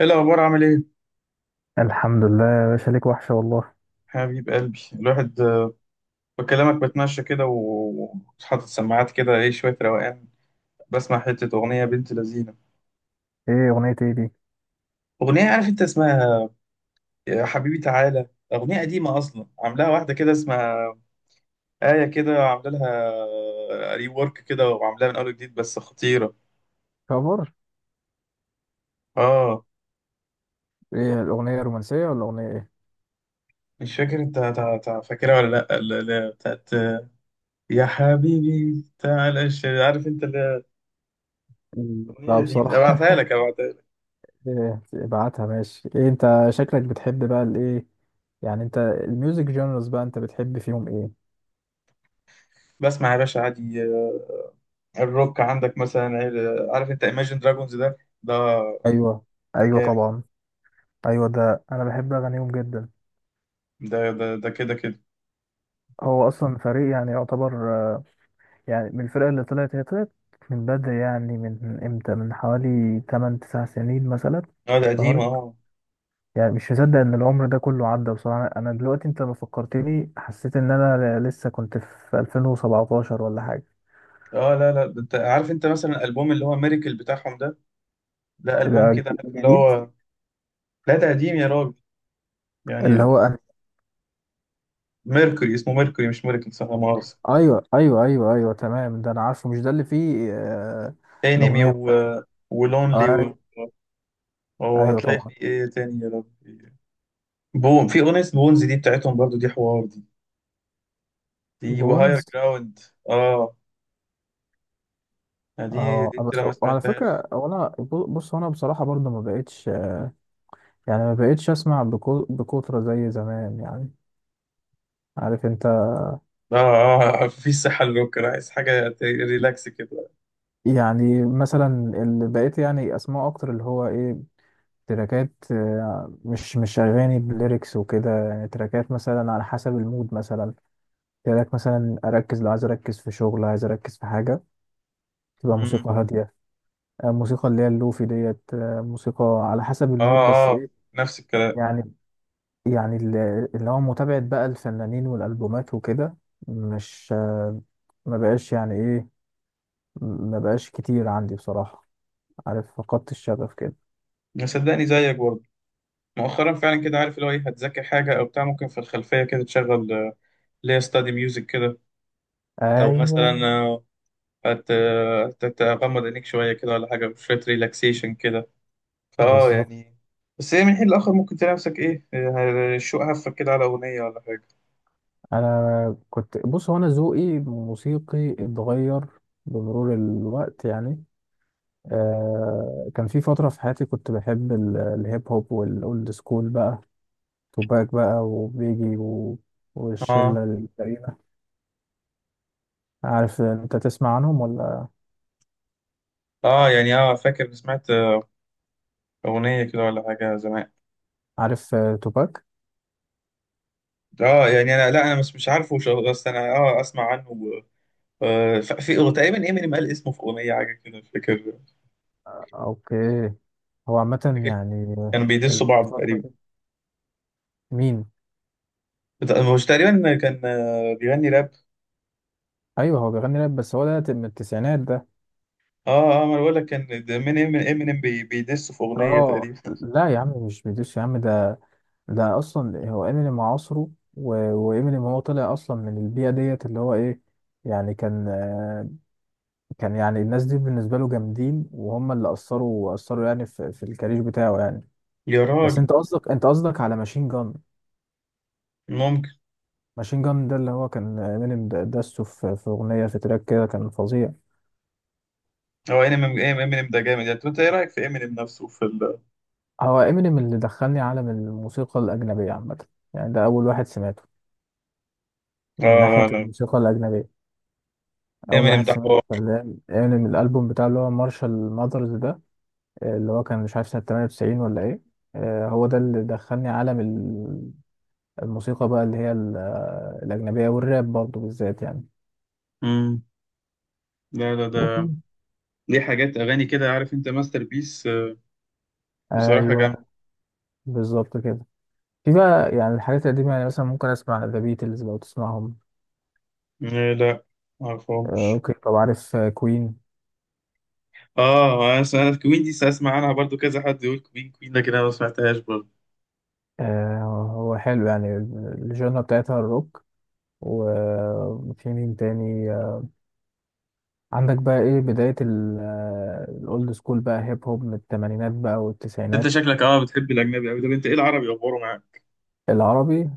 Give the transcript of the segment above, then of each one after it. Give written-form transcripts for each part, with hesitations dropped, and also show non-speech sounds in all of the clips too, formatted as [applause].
ايه الاخبار؟ عامل ايه؟ الحمد لله يا باشا، ليك وحشة والله. حبيب قلبي الواحد. بكلمك بتمشى كده وحاطط سماعات كده، ايه شويه روقان. بسمع حته اغنيه بنت لذينه. ايه اغنية ايه دي؟ اغنيه، عارف انت اسمها؟ يا حبيبي تعالى. اغنيه قديمه اصلا، عاملاها واحده كده اسمها آية كده، عامله لها ري ورك كده وعاملاها من اول جديد، بس خطيره. كفر. اه. ايه الاغنيه رومانسيه ولا اغنيه ايه؟ مش فاكر انت، فاكرها ولا لا؟ بتاعت. يا حبيبي تعالى عارف انت هي. مم. اغنيه لا لذيذه، بصراحه. ابعتها لك ابعتها لك. إيه، ابعتها ماشي. ايه انت شكلك بتحب بقى الايه؟ يعني انت الميوزك جونرز بقى انت بتحب فيهم ايه؟ بسمع يا باشا عادي. الروك عندك مثلا، عارف انت Imagine Dragons ده؟ ده ايوه، ايوه جامد. طبعا. ايوه ده انا بحب اغانيهم جدا. ده ده ده كده كده. هو اصلا فريق يعني يعتبر، آه، يعني من الفرقة اللي طلعت، هي طلعت من بدري، يعني من امتى، من حوالي 8 9 سنين مثلا اه ده قديم اشتهرت. اه. يعني مش مصدق ان العمر ده كله عدى، بصراحة انا دلوقتي انت لما فكرتني حسيت ان انا لسه كنت في 2017 ولا حاجة. اه، لا لا، ده انت عارف انت مثلا الالبوم اللي هو ميريكل بتاعهم ده؟ ده ده البوم كده، عارف اللي جديد. هو. لا ده قديم يا راجل، اللي يعني. هو أنا. ميركوري اسمه، ميركوري مش ميريكل، صح؟ لا مؤاخذة. ايوه، ايوه، ايوه، ايوه تمام، ده انا عارفه، مش ده اللي فيه انمي، الاغنية و... بتاعت. ولونلي، و... ايوه، ايوه وهتلاقي في طبعا. ايه تاني يا ربي؟ في اغنية بونز دي بتاعتهم برضو، دي حوار دي. دي وهاير بونز. جراوند. اه. يعني دي اه دي انت لو بس ما على فكرة، سمعتهاش. وانا بص انا بصراحة برضه ما بقتش، يعني ما بقتش اسمع بكترة زي زمان يعني، عارف انت. اه اه. في صحة للروك. أنا عايز حاجة ريلاكس كده. يعني مثلا اللي بقيت يعني اسمعه اكتر اللي هو ايه، تراكات، مش أغاني بليركس وكده، يعني تراكات مثلا على حسب المود. مثلا تراك مثلا أركز، لو عايز أركز في شغل، عايز أركز في حاجة، تبقى مم. موسيقى هادية. موسيقى اللي هي اللوفي ديت. موسيقى على حسب اه المود، بس اه، إيه نفس الكلام. يعني، يعني ال- اللي هو متابعة بقى الفنانين والألبومات وكده، مش، ما بقاش يعني إيه، ما بقاش كتير عندي بصراحة، عارف، فقدت الشغف كده. صدقني زيك برضه، مؤخرا فعلا كده، عارف اللي هو ايه، هتذاكر حاجة او بتاع، ممكن في الخلفية كده تشغل، اللي هي ستادي ميوزك كده. او أيوه، مثلا، هت هتغمض عينيك شوية كده، ولا حاجة شوية ريلاكسيشن كده، فاه بالظبط. يعني. بس هي من حين لآخر ممكن تلاقي نفسك ايه، شوق هفك كده على أغنية ولا حاجة. انا كنت، بص هو انا ذوقي موسيقي اتغير بمرور الوقت يعني. آه كان في فتره في حياتي كنت بحب الهيب هوب والاولد سكول بقى، توباك بقى وبيجي و... اه والشله الكريمه. عارف انت تسمع عنهم ولا؟ اه، يعني اه فاكر سمعت، أغنية كده ولا حاجة زمان. عارف، توباك. اه يعني انا، لا انا مش عارفه بس انا اه اسمع عنه. في هو تقريبا امينيم قال اسمه في اغنيه، حاجه كده مش فاكر. اوكي. هو عامه فاكر يعني كانوا بيدسوا بعض الفتره تقريبا. دي مين؟ مش تقريبا، كان بيغني راب. ايوه هو بيغني راب، بس هو ده من التسعينات ده. اه اه، ما انا بقول لك كان امينيم، امينيم بيدسوا في اغنيه اه تقريبا. لا يا عم مش بيدوس يا عم، ده ده اصلا هو امينيم عصره، و- وامينيم هو طلع اصلا من البيئه ديت اللي هو ايه، يعني كان، كان يعني الناس دي بالنسبه له جامدين، وهم اللي اثروا يعني في، في الكارير بتاعه يعني. يا بس راجل. انت قصدك، انت قصدك على ماشين جان. ممكن. ماشين جان ده اللي هو كان امينيم دسه في في اغنيه، في تراك كده كان فظيع. هو امينيم ده جامد يعني، طب انت ايه رايك في امينيم نفسه في ال. هو امينيم اللي دخلني عالم الموسيقى الاجنبيه عامه، يعني ده اول واحد سمعته اه من لا ناحيه لا، الموسيقى الاجنبيه. اول امينيم واحد ده سمعته حوار. كان امينيم، الالبوم بتاعه اللي هو مارشال ماذرز ده، اللي هو كان مش عارف سنة 98 ولا ايه. هو ده اللي دخلني عالم الموسيقى بقى اللي هي الأجنبية والراب برضه بالذات يعني. امم. لا لا ده مهم. ليه حاجات اغاني كده، عارف انت، ماستر بيس. بصراحه جامده أيوه، بالظبط كده. في بقى يعني الحاجات القديمة، يعني مثلا ممكن أسمع ذا بيتلز، لو تسمعهم. آه، لا معرفهمش أوكي. طب عارف كوين؟ اه انا سمعت كوين دي، اسمع عنها برضو كذا حد يقول كوين كوين، لكن انا ما سمعتهاش برضو. هو حلو يعني الجنرا بتاعتها الروك. وفي مين تاني، عندك بقى، ايه بداية الأولد سكول بقى هيب هوب، من التمانينات بقى انت والتسعينات. شكلك اه بتحب الاجنبي قوي. طب انت ايه العربي اخباره معاك؟ العربي،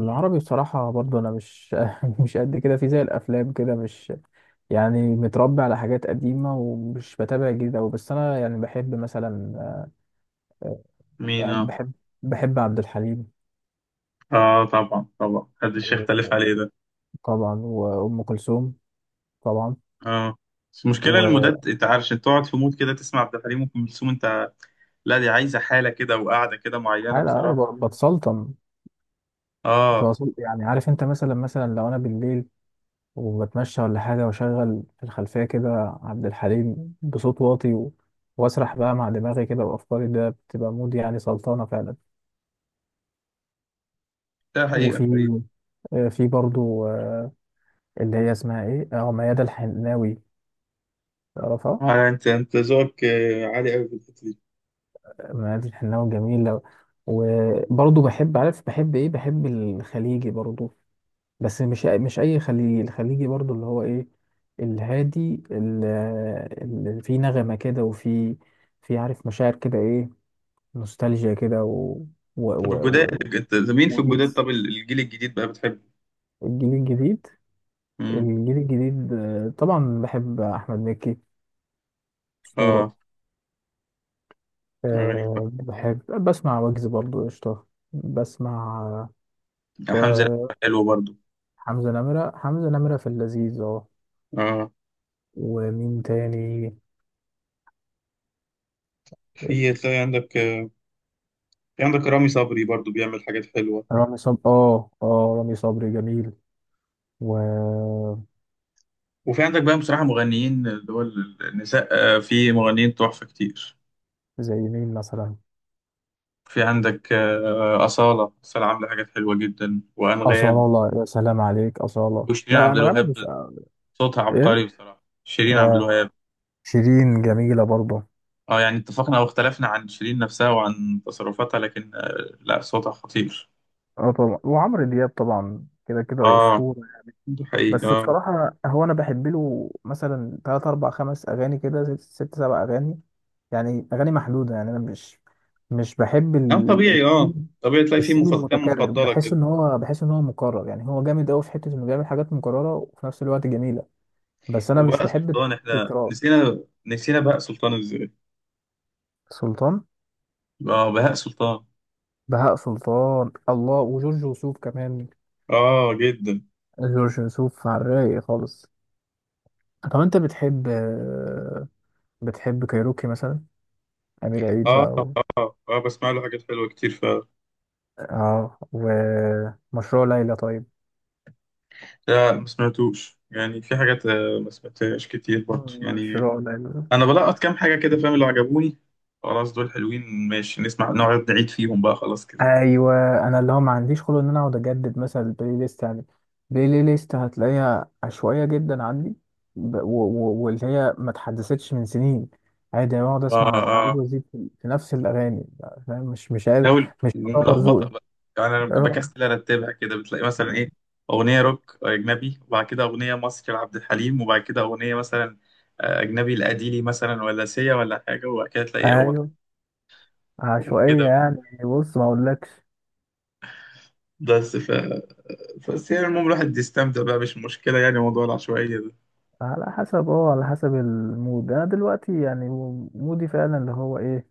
مم. بصراحة برضو أنا مش [laughs] مش قد كده في زي الأفلام كده، مش يعني متربي على حاجات قديمة ومش بتابع جديد أوي، بس أنا يعني بحب مثلا، مين؟ بحب، اه بحب، بحب عبد الحليم. اه، طبعا طبعا، محدش يختلف عليه ده. طبعا وأم كلثوم طبعا. اه، بس المشكله المودات، وحلقة انت عارف، انت تقعد في مود كده تسمع عبد الحليم وام كلثوم، انت؟ لا دي عايزه حاله كده وقاعده كده معينه بصراحه. بتسلطن، اه يعني عارف أنت، مثلا مثلا لو أنا بالليل وبتمشى ولا حاجة، وأشغل في الخلفية كده عبد الحليم بصوت واطي، و، وأسرح بقى مع دماغي كده وأفكاري، ده بتبقى مود يعني سلطانة فعلا. ده حقيقه وفي، حقيقه. في برضو، اللي هي اسمها ايه، اه ميادة الحناوي، تعرفها؟ انت انت ذوقك عالي قوي في الحته دي. ميادة الحناوي جميلة. وبرضو بحب، عارف بحب ايه؟ بحب الخليجي برضو، بس مش، مش اي خليجي، الخليجي برضو اللي هو ايه، الهادي اللي فيه نغمة كده، وفي، في عارف، مشاعر كده، ايه، نوستالجيا كده، و و طب و الجداد، و انت مين في الجداد؟ وبيتس. طب الجيل الجديد بقى بتحبه؟ الجيل الجديد. امم. الجيل الجديد، طبعا بحب احمد مكي، أسطورة. اه. اغاني؟ أه بحب بسمع ويجز برضو، قشطة. بسمع، يعني حمزة ك- نمرة حلو برضو. حمزة نمرة. حمزة نمرة في اللذيذ اه. اه، ومين تاني؟ في تلاقي عندك، في عندك رامي صبري برضو، بيعمل حاجات حلوة. رامي صبري، اه اه، رامي صبري جميل. وزي، وفي عندك بقى بصراحة مغنيين، اللي هو النساء، في مغنيين تحفة كتير. مين مثلا؟ في عندك، أصالة، أصالة عاملة حاجات حلوة جدا، وأنغام، أصالة، يا سلام عليك أصالة. وشيرين لا عبد أنغام الوهاب. مش، صوتها ايه، عبقري بصراحة شيرين عبد اه، الوهاب. شيرين جميلة برضه. اه يعني، اتفقنا او اختلفنا عن شيرين نفسها وعن تصرفاتها، لكن لا صوتها خطير. اه طبعا وعمرو دياب طبعا، كده كده اه أسطورة. ده حقيقي بس اه. بصراحة هو أنا بحب له مثلا تلات أربع خمس أغاني كده، ست سبع أغاني يعني، أغاني محدودة يعني. أنا مش، مش بحب طبيعي اه، الثيم، طبيعي تلاقي فيه الثيم كام المتكرر، مفضلة بحس كده. إن هو بحس إن هو مكرر، يعني هو جامد أوي في حتة إنه بيعمل حاجات مكررة، وفي نفس الوقت جميلة، بس أنا مش وبهاء بحب سلطان، احنا التكرار. نسينا بهاء سلطان ازاي؟ سلطان، اه بهاء سلطان. بهاء سلطان، الله. وجورج وسوف كمان، اه جدا. جورج وسوف على الرايق خالص. طب أنت بتحب، بتحب كايروكي مثلا، أمير عيد اه بقى؟ اه، اه بسمع له حاجات حلوة كتير، ف. اه، ومشروع ليلى طيب، لا ما سمعتوش، يعني في حاجات، ما سمعتهاش كتير برضه يعني. مشروع ليلى. انا بلقط كام حاجة كده فاهم؟ اللي عجبوني خلاص دول حلوين، ماشي نسمع، نقعد نعيد فيهم بقى خلاص كده. ايوه، انا اللي هو ما عنديش خلق ان انا اقعد اجدد مثلا البلاي ليست يعني، البلاي ليست هتلاقيها عشوائيه جدا عندي، واللي هي ما اتحدثتش من سنين، عادي انا بقعد اه اسمع واعيد اه. وازيد في في نفس الاغاني، فاهم؟ مش قادر، لو مش بطور ملخبطه ذوقي. بقى، يعني انا اه بكسل ارتبها كده، بتلاقي مثلا ايه، اغنيه روك اجنبي، وبعد كده اغنيه مصري لعبد الحليم، وبعد كده اغنيه مثلا، اجنبي لاديلي مثلا، ولا سيا ولا حاجه، وبعد كده تلاقي اغنيه ايوه، عشوائيه كده. يعني، بص ما اقولكش. بس ف... بس يعني المهم الواحد يستمتع بقى، مش مشكله يعني موضوع العشوائيه ده. على حسب، على حسب المود. انا دلوقتي يعني مودي فعلا اللي هو ايه،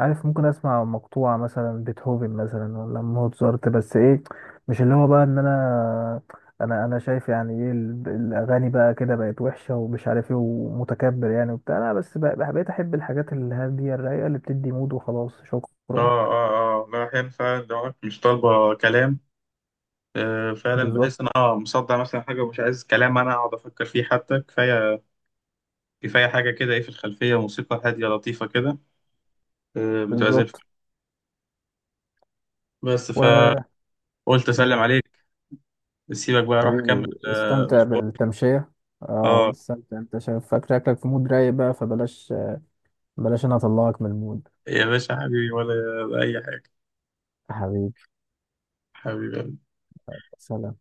عارف، ممكن اسمع مقطوعة مثلا بيتهوفن مثلا، ولا موتزارت. بس ايه، مش اللي هو بقى ان انا، انا شايف يعني ايه الاغاني بقى كده بقت وحشة، ومش عارف ايه، ومتكبر يعني وبتاع. لا بس بقى، بقيت احب الحاجات الهادية الرايقة اللي بتدي مود، وخلاص اه شكرا. اه اه، لا احيانا فعلا لو أنا مش طالبه كلام، فعلا بالظبط. بحس ان انا مصدع مثلا حاجه، ومش عايز كلام انا اقعد افكر فيه، حتى كفايه كفايه حاجه كده ايه، في الخلفيه موسيقى هاديه لطيفه كده، متعزف. بالظبط. بس و، فقلت اسلم مم. عليك، سيبك بقى اروح اكمل حبيبي استمتع مشوار. بالتمشية. اه، اه استمتع، انت شايف، فاكر اكلك في مود رايق بقى، فبلاش، بلاش انا اطلعك من المود. يا باشا، حبيبي ولا اي حاجه. حبيبي. حبيبي. سلام.